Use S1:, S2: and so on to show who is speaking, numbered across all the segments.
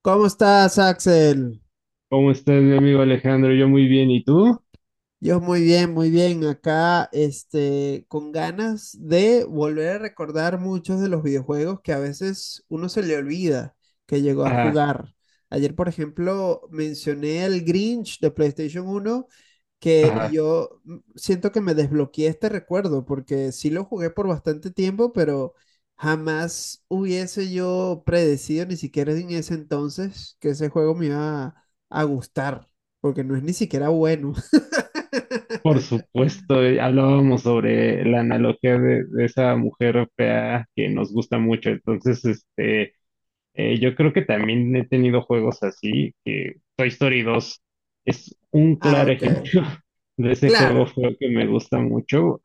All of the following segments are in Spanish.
S1: ¿Cómo estás, Axel?
S2: ¿Cómo estás, mi amigo Alejandro? Yo muy bien, ¿y tú?
S1: Yo muy bien, muy bien. Acá, con ganas de volver a recordar muchos de los videojuegos que a veces uno se le olvida que llegó a
S2: Ajá,
S1: jugar. Ayer, por ejemplo, mencioné el Grinch de PlayStation uno que
S2: ajá,
S1: yo siento que me desbloqueé este recuerdo, porque sí lo jugué por bastante tiempo, pero jamás hubiese yo predecido, ni siquiera en ese entonces, que ese juego me iba a gustar, porque no es ni siquiera bueno.
S2: por supuesto, hablábamos sobre la analogía de esa mujer fea que nos gusta mucho, entonces, yo creo que también he tenido juegos así, que Toy Story 2 es un
S1: Ah,
S2: claro
S1: ok.
S2: ejemplo de ese juego
S1: Claro.
S2: feo que me gusta mucho.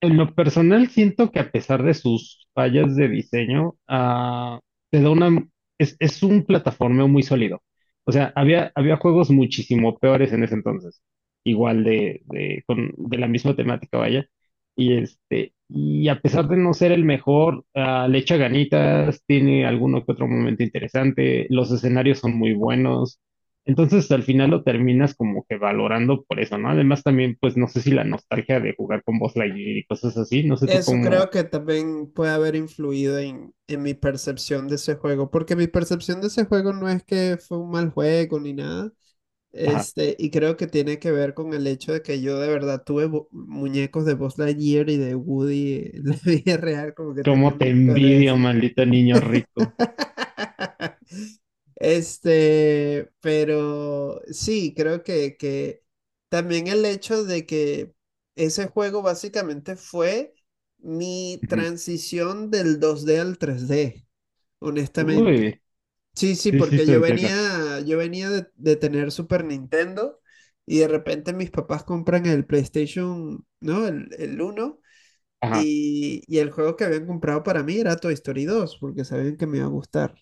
S2: En lo personal, siento que a pesar de sus fallas de diseño, te da una, es un plataformeo muy sólido. O sea, había juegos muchísimo peores en ese entonces, igual de, con, de la misma temática, vaya. Y y a pesar de no ser el mejor, le echa ganitas, tiene alguno que otro momento interesante, los escenarios son muy buenos, entonces al final lo terminas como que valorando por eso, ¿no? Además también, pues no sé si la nostalgia de jugar con Buzz Lightyear y cosas así, no sé tú
S1: Eso creo
S2: cómo.
S1: que también puede haber influido en mi percepción de ese juego, porque mi percepción de ese juego no es que fue un mal juego ni nada,
S2: Ajá,
S1: y creo que tiene que ver con el hecho de que yo de verdad tuve muñecos de Buzz Lightyear y de Woody en la vida real, como que tenía
S2: cómo te
S1: muñecos de
S2: envidio,
S1: eso.
S2: maldito niño rico.
S1: Pero sí, creo que también el hecho de que ese juego básicamente fue mi
S2: Ujú.
S1: transición del 2D al 3D, honestamente.
S2: Uy,
S1: Sí, sí,
S2: sí, sí
S1: porque
S2: te
S1: yo
S2: entiendo.
S1: venía, yo venía de tener Super Nintendo y de repente mis papás compran el PlayStation, ¿no? El uno
S2: Ajá,
S1: y el juego que habían comprado para mí era Toy Story 2 porque sabían que me iba a gustar.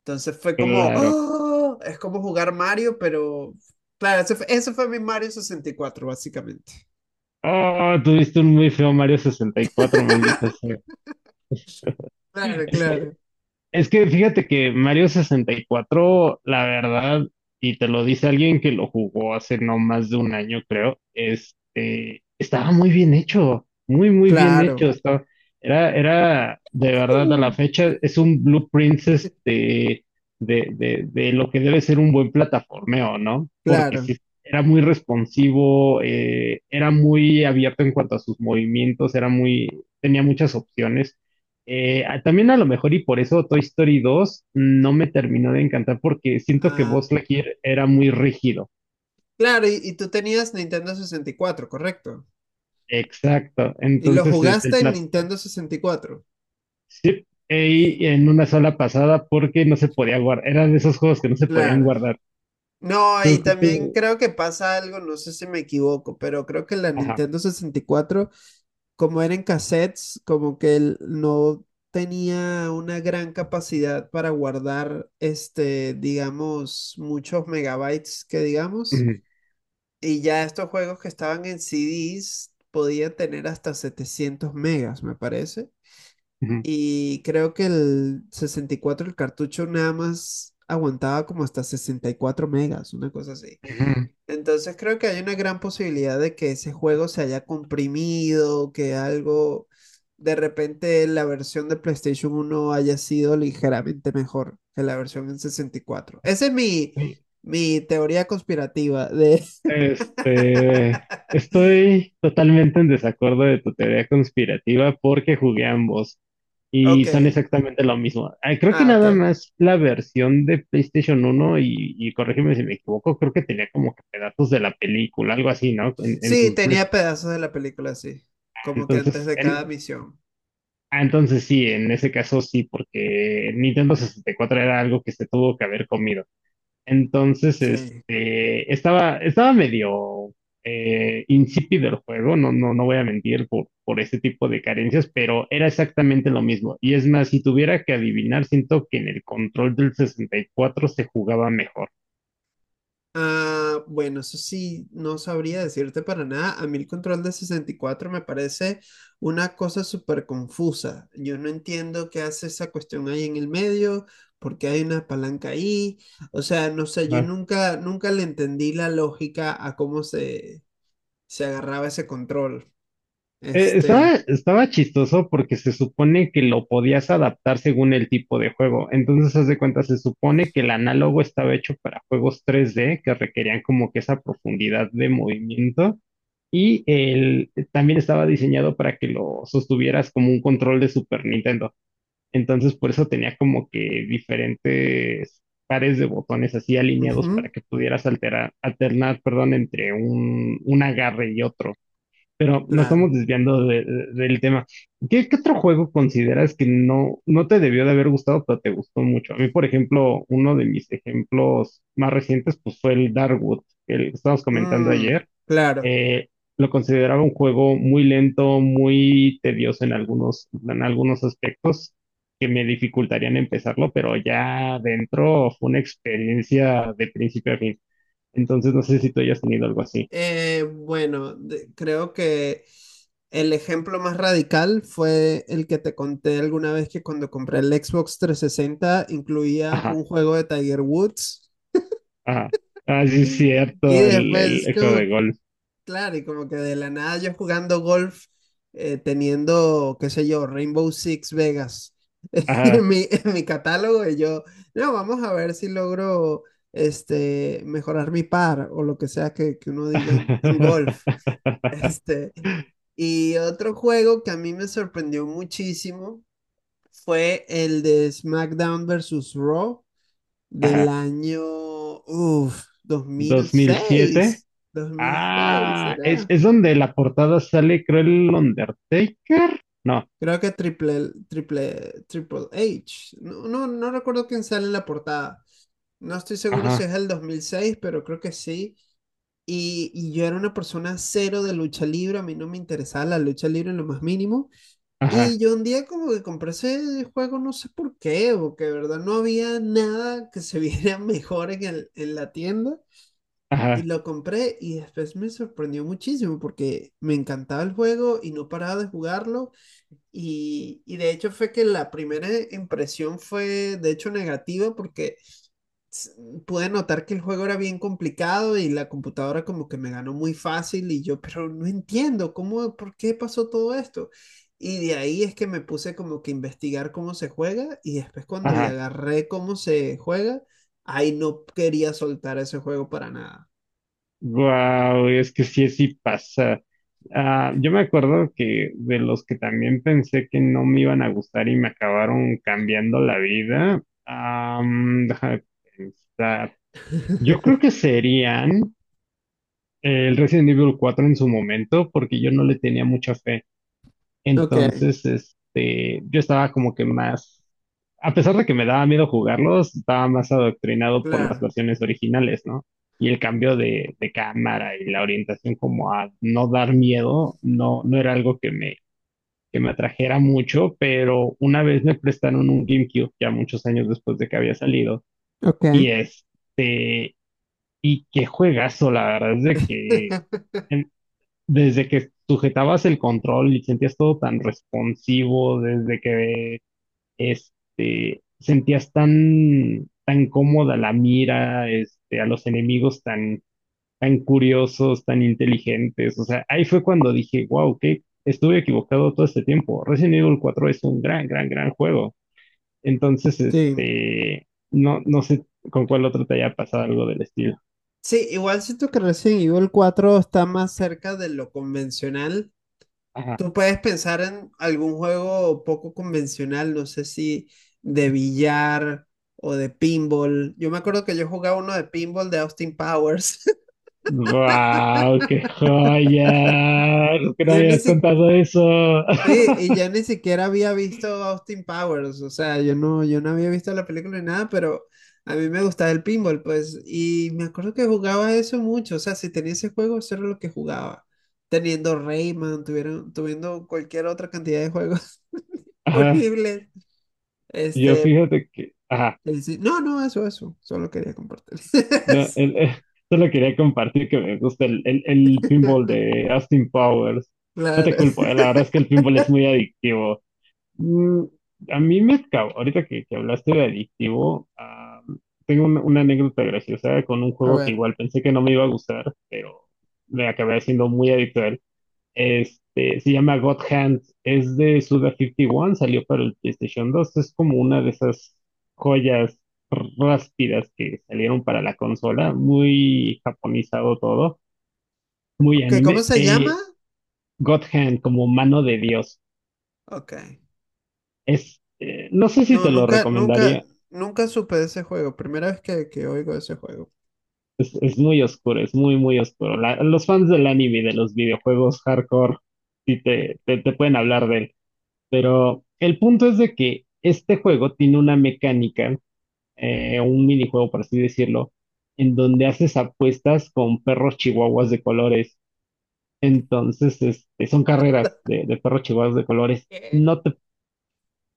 S1: Entonces fue como,
S2: claro.
S1: ¡ah!, es como jugar Mario, pero claro, ese fue mi Mario 64 básicamente.
S2: Oh, tuviste un muy feo Mario 64, maldita sea.
S1: Claro, claro.
S2: Es que fíjate que Mario sesenta y cuatro, la verdad, y te lo dice alguien que lo jugó hace no más de un año, creo, estaba muy bien hecho, muy bien hecho.
S1: Claro.
S2: Estaba, era, de verdad, a
S1: Uh,
S2: la fecha, es un blueprint este, de, de lo que debe ser un buen plataformeo, ¿no? Porque
S1: claro.
S2: sí, era muy responsivo, era muy abierto en cuanto a sus movimientos, era muy, tenía muchas opciones. También a lo mejor y por eso Toy Story dos no me terminó de encantar porque siento que
S1: Ah,
S2: Buzz Lightyear era muy rígido.
S1: claro, y tú tenías Nintendo sesenta y cuatro, correcto.
S2: Exacto.
S1: Y lo
S2: Entonces, el
S1: jugaste en
S2: plato,
S1: Nintendo sesenta y cuatro.
S2: sí, y en una sola pasada porque no se podía guardar. Era de esos juegos que no se podían
S1: Claro.
S2: guardar.
S1: No, y
S2: Tú-
S1: también
S2: tú-
S1: creo que pasa algo, no sé si me equivoco, pero creo que la
S2: ajá.
S1: Nintendo sesenta y cuatro, como eran en cassettes, como que él no tenía una gran capacidad para guardar, digamos, muchos megabytes que digamos,
S2: Ujú,
S1: y ya estos juegos que estaban en CDs podían tener hasta 700 megas, me parece,
S2: ujú,
S1: y creo que el 64 el cartucho nada más aguantaba como hasta 64 megas, una cosa así.
S2: ujú.
S1: Entonces creo que hay una gran posibilidad de que ese juego se haya comprimido, que algo, de repente la versión de PlayStation uno haya sido ligeramente mejor que la versión en 64. Esa es mi,
S2: Sí.
S1: mi teoría conspirativa de.
S2: Estoy totalmente en desacuerdo de tu teoría conspirativa porque jugué ambos. Y
S1: Ok,
S2: son exactamente lo mismo. Ah, creo que
S1: ah,
S2: nada
S1: ok.
S2: más la versión de PlayStation uno y corrígeme si me equivoco, creo que tenía como que pedazos de la película, algo así, ¿no? En
S1: Sí,
S2: sus
S1: tenía
S2: briefings.
S1: pedazos de la película, sí, como que antes
S2: Entonces,
S1: de cada
S2: en,
S1: misión.
S2: ah, entonces sí, en ese caso sí, porque Nintendo 64 era algo que se tuvo que haber comido. Entonces,
S1: Sí.
S2: estaba medio insípido el juego, no, no voy a mentir por ese tipo de carencias, pero era exactamente lo mismo. Y es más, si tuviera que adivinar, siento que en el control del 64 se jugaba mejor.
S1: Ah, bueno, eso sí, no sabría decirte para nada. A mí el control de 64 me parece una cosa súper confusa. Yo no entiendo qué hace esa cuestión ahí en el medio, por qué hay una palanca ahí. O sea, no sé, yo
S2: Ajá.
S1: nunca, nunca le entendí la lógica a cómo se, se agarraba ese control. Este,
S2: Estaba chistoso porque se supone que lo podías adaptar según el tipo de juego. Entonces, haz de cuenta, se supone que el análogo estaba hecho para juegos 3D que requerían como que esa profundidad de movimiento. También estaba diseñado para que lo sostuvieras como un control de Super Nintendo. Entonces, por eso tenía como que diferentes pares de botones así alineados para
S1: ujú,
S2: que pudieras alternar, perdón, entre un agarre y otro. Pero nos estamos
S1: claro.
S2: desviando del tema. ¿Qué, qué otro juego consideras que no, no te debió de haber gustado, pero te gustó mucho? A mí, por ejemplo, uno de mis ejemplos más recientes pues, fue el Darkwood, el que estábamos comentando
S1: Mm,
S2: ayer.
S1: claro.
S2: Eh, lo consideraba un juego muy lento, muy tedioso en algunos aspectos que me dificultarían empezarlo, pero ya dentro fue una experiencia de principio a fin. Entonces, no sé si tú hayas tenido algo así.
S1: Bueno, creo que el ejemplo más radical fue el que te conté alguna vez que cuando compré el Xbox 360 incluía
S2: Ajá.
S1: un juego de Tiger Woods
S2: Ajá. Ah, sí, es
S1: y
S2: cierto,
S1: después
S2: el juego de
S1: como,
S2: golf.
S1: claro, y como que de la nada yo jugando golf, teniendo, qué sé yo, Rainbow Six Vegas
S2: Ajá.
S1: en mi catálogo y yo, no, vamos a ver si logro mejorar mi par o lo que sea que uno diga en golf. Este, y otro juego que a mí me sorprendió muchísimo fue el de SmackDown versus Raw del
S2: Ajá.
S1: año,
S2: ¿Dos mil siete?
S1: 2006, 2006,
S2: Ah,
S1: ¿será?
S2: es donde la portada sale, creo, el Undertaker. No.
S1: Creo que Triple H. No, no, no recuerdo quién sale en la portada. No estoy seguro si
S2: Ajá,
S1: es el 2006, pero creo que sí. Y yo era una persona cero de lucha libre, a mí no me interesaba la lucha libre en lo más mínimo. Y
S2: ajá,
S1: yo un día como que compré ese juego, no sé por qué, porque de verdad no había nada que se viera mejor en la tienda. Y
S2: ajá,
S1: lo compré y después me sorprendió muchísimo porque me encantaba el juego y no paraba de jugarlo. Y de hecho fue que la primera impresión fue de hecho negativa porque pude notar que el juego era bien complicado y la computadora como que me ganó muy fácil y yo, pero no entiendo cómo, por qué pasó todo esto. Y de ahí es que me puse como que a investigar cómo se juega y después cuando le
S2: ajá.
S1: agarré cómo se juega, ahí no quería soltar ese juego para nada.
S2: Wow, es que sí, sí pasa. Ah, yo me acuerdo que de los que también pensé que no me iban a gustar y me acabaron cambiando la vida. Ah, déjame pensar. Yo creo que serían el Resident Evil 4 en su momento, porque yo no le tenía mucha fe.
S1: Ok.
S2: Entonces, yo estaba como que más, a pesar de que me daba miedo jugarlos, estaba más adoctrinado por las
S1: Claro.
S2: versiones originales, ¿no? Y el cambio de cámara y la orientación como a no dar miedo, no, no era algo que me atrajera mucho, pero una vez me prestaron un GameCube, ya muchos años después de que había salido,
S1: Ok.
S2: y es y qué juegazo, la verdad es de que en- desde que sujetabas el control y sentías todo tan responsivo, desde que sentías tan, tan cómoda la mira, a los enemigos tan, tan curiosos, tan inteligentes, o sea, ahí fue cuando dije, wow, que estuve equivocado todo este tiempo. Resident Evil cuatro es un gran, gran, gran juego. Entonces,
S1: Sí.
S2: no, no sé con cuál otro te haya pasado algo del estilo.
S1: Sí, igual siento que Resident Evil 4 está más cerca de lo convencional. Tú puedes pensar en algún juego poco convencional, no sé si de billar o de pinball. Yo me acuerdo que yo jugaba uno de pinball de Austin Powers.
S2: ¡Wow! ¡Qué joya! Es que no
S1: Yo
S2: me
S1: ni
S2: habías
S1: si-
S2: contado eso.
S1: sí, y yo ni siquiera había visto Austin Powers, o sea, yo no había visto la película ni nada, pero a mí me gustaba el pinball, pues, y me acuerdo que jugaba eso mucho, o sea, si tenía ese juego, eso era lo que jugaba. Teniendo Rayman, tuviendo cualquier otra cantidad de juegos
S2: Ajá,
S1: disponibles.
S2: yo
S1: Este,
S2: fíjate que. Ajá,
S1: Sí, sí. No, no, eso, eso. Solo quería compartir
S2: no,
S1: eso.
S2: solo quería compartir que me gusta el pinball de Austin Powers. No
S1: Claro.
S2: te culpo, la verdad es que el pinball es muy adictivo. Mm, a mí me acabó. Ahorita que hablaste de adictivo, ah, tengo una anécdota graciosa con un
S1: A
S2: juego que
S1: ver.
S2: igual pensé que no me iba a gustar, pero me acabé haciendo muy adicto a él. Se llama God Hand, es de Suda 51, salió para el PlayStation dos, es como una de esas joyas ráspidas que salieron para la consola, muy japonizado todo, muy
S1: Ok, ¿cómo
S2: anime.
S1: se llama?
S2: God Hand, como mano de Dios,
S1: Ok.
S2: no sé si
S1: No,
S2: te lo
S1: nunca, nunca,
S2: recomendaría,
S1: nunca supe de ese juego. Primera vez que oigo de ese juego.
S2: es muy oscuro, es muy, muy oscuro. Los fans del anime y de los videojuegos hardcore, sí te, te pueden hablar de él, pero el punto es de que este juego tiene una mecánica un minijuego, por así decirlo, en donde haces apuestas con perros chihuahuas de colores. Entonces, son carreras de perros chihuahuas de colores.
S1: ¿Qué?
S2: No te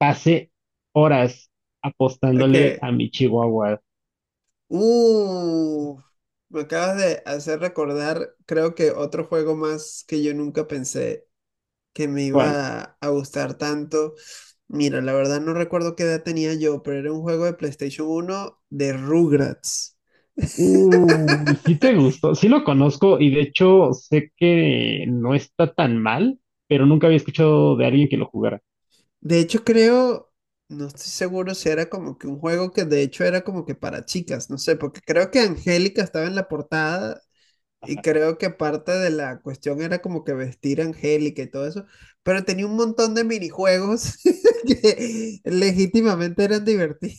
S2: pasé horas apostándole
S1: Ok.
S2: a mi chihuahua
S1: Uh, me acabas de hacer recordar, creo que otro juego más que yo nunca pensé que me
S2: actual.
S1: iba a gustar tanto. Mira, la verdad no recuerdo qué edad tenía yo, pero era un juego de PlayStation uno de Rugrats.
S2: Uy, sí te gustó, sí lo conozco y de hecho sé que no está tan mal, pero nunca había escuchado de alguien que lo jugara.
S1: De hecho, creo, no estoy seguro si era como que un juego que de hecho era como que para chicas, no sé, porque creo que Angélica estaba en la portada y creo que parte de la cuestión era como que vestir a Angélica y todo eso, pero tenía un montón de minijuegos que legítimamente eran divertidos.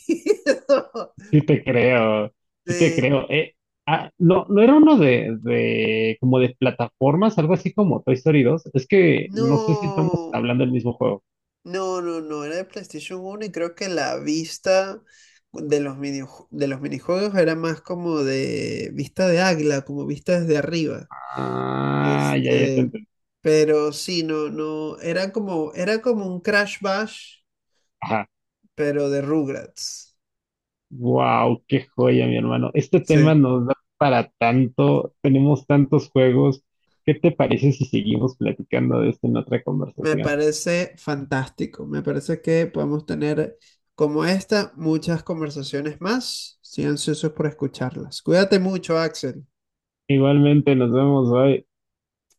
S2: Sí te creo, sí te
S1: Sí.
S2: creo. Ah, no, no era uno de, como de plataformas, algo así como Toy Story dos. Es que no sé si estamos
S1: No.
S2: hablando del mismo juego.
S1: No, no, no, era de PlayStation uno y creo que la vista de los minijuegos era más como de vista de águila, como vista desde arriba.
S2: Ah, ya, ya te
S1: Este,
S2: entendí.
S1: pero sí, no, no, era como un Crash Bash,
S2: Ajá.
S1: pero de Rugrats.
S2: Wow, qué joya, mi hermano. Este tema
S1: Sí,
S2: nos da para tanto, tenemos tantos juegos. ¿Qué te parece si seguimos platicando de esto en otra
S1: me
S2: conversación?
S1: parece fantástico. Me parece que podemos tener como esta muchas conversaciones más. Estoy ansioso por escucharlas. Cuídate mucho, Axel.
S2: Igualmente, nos vemos hoy.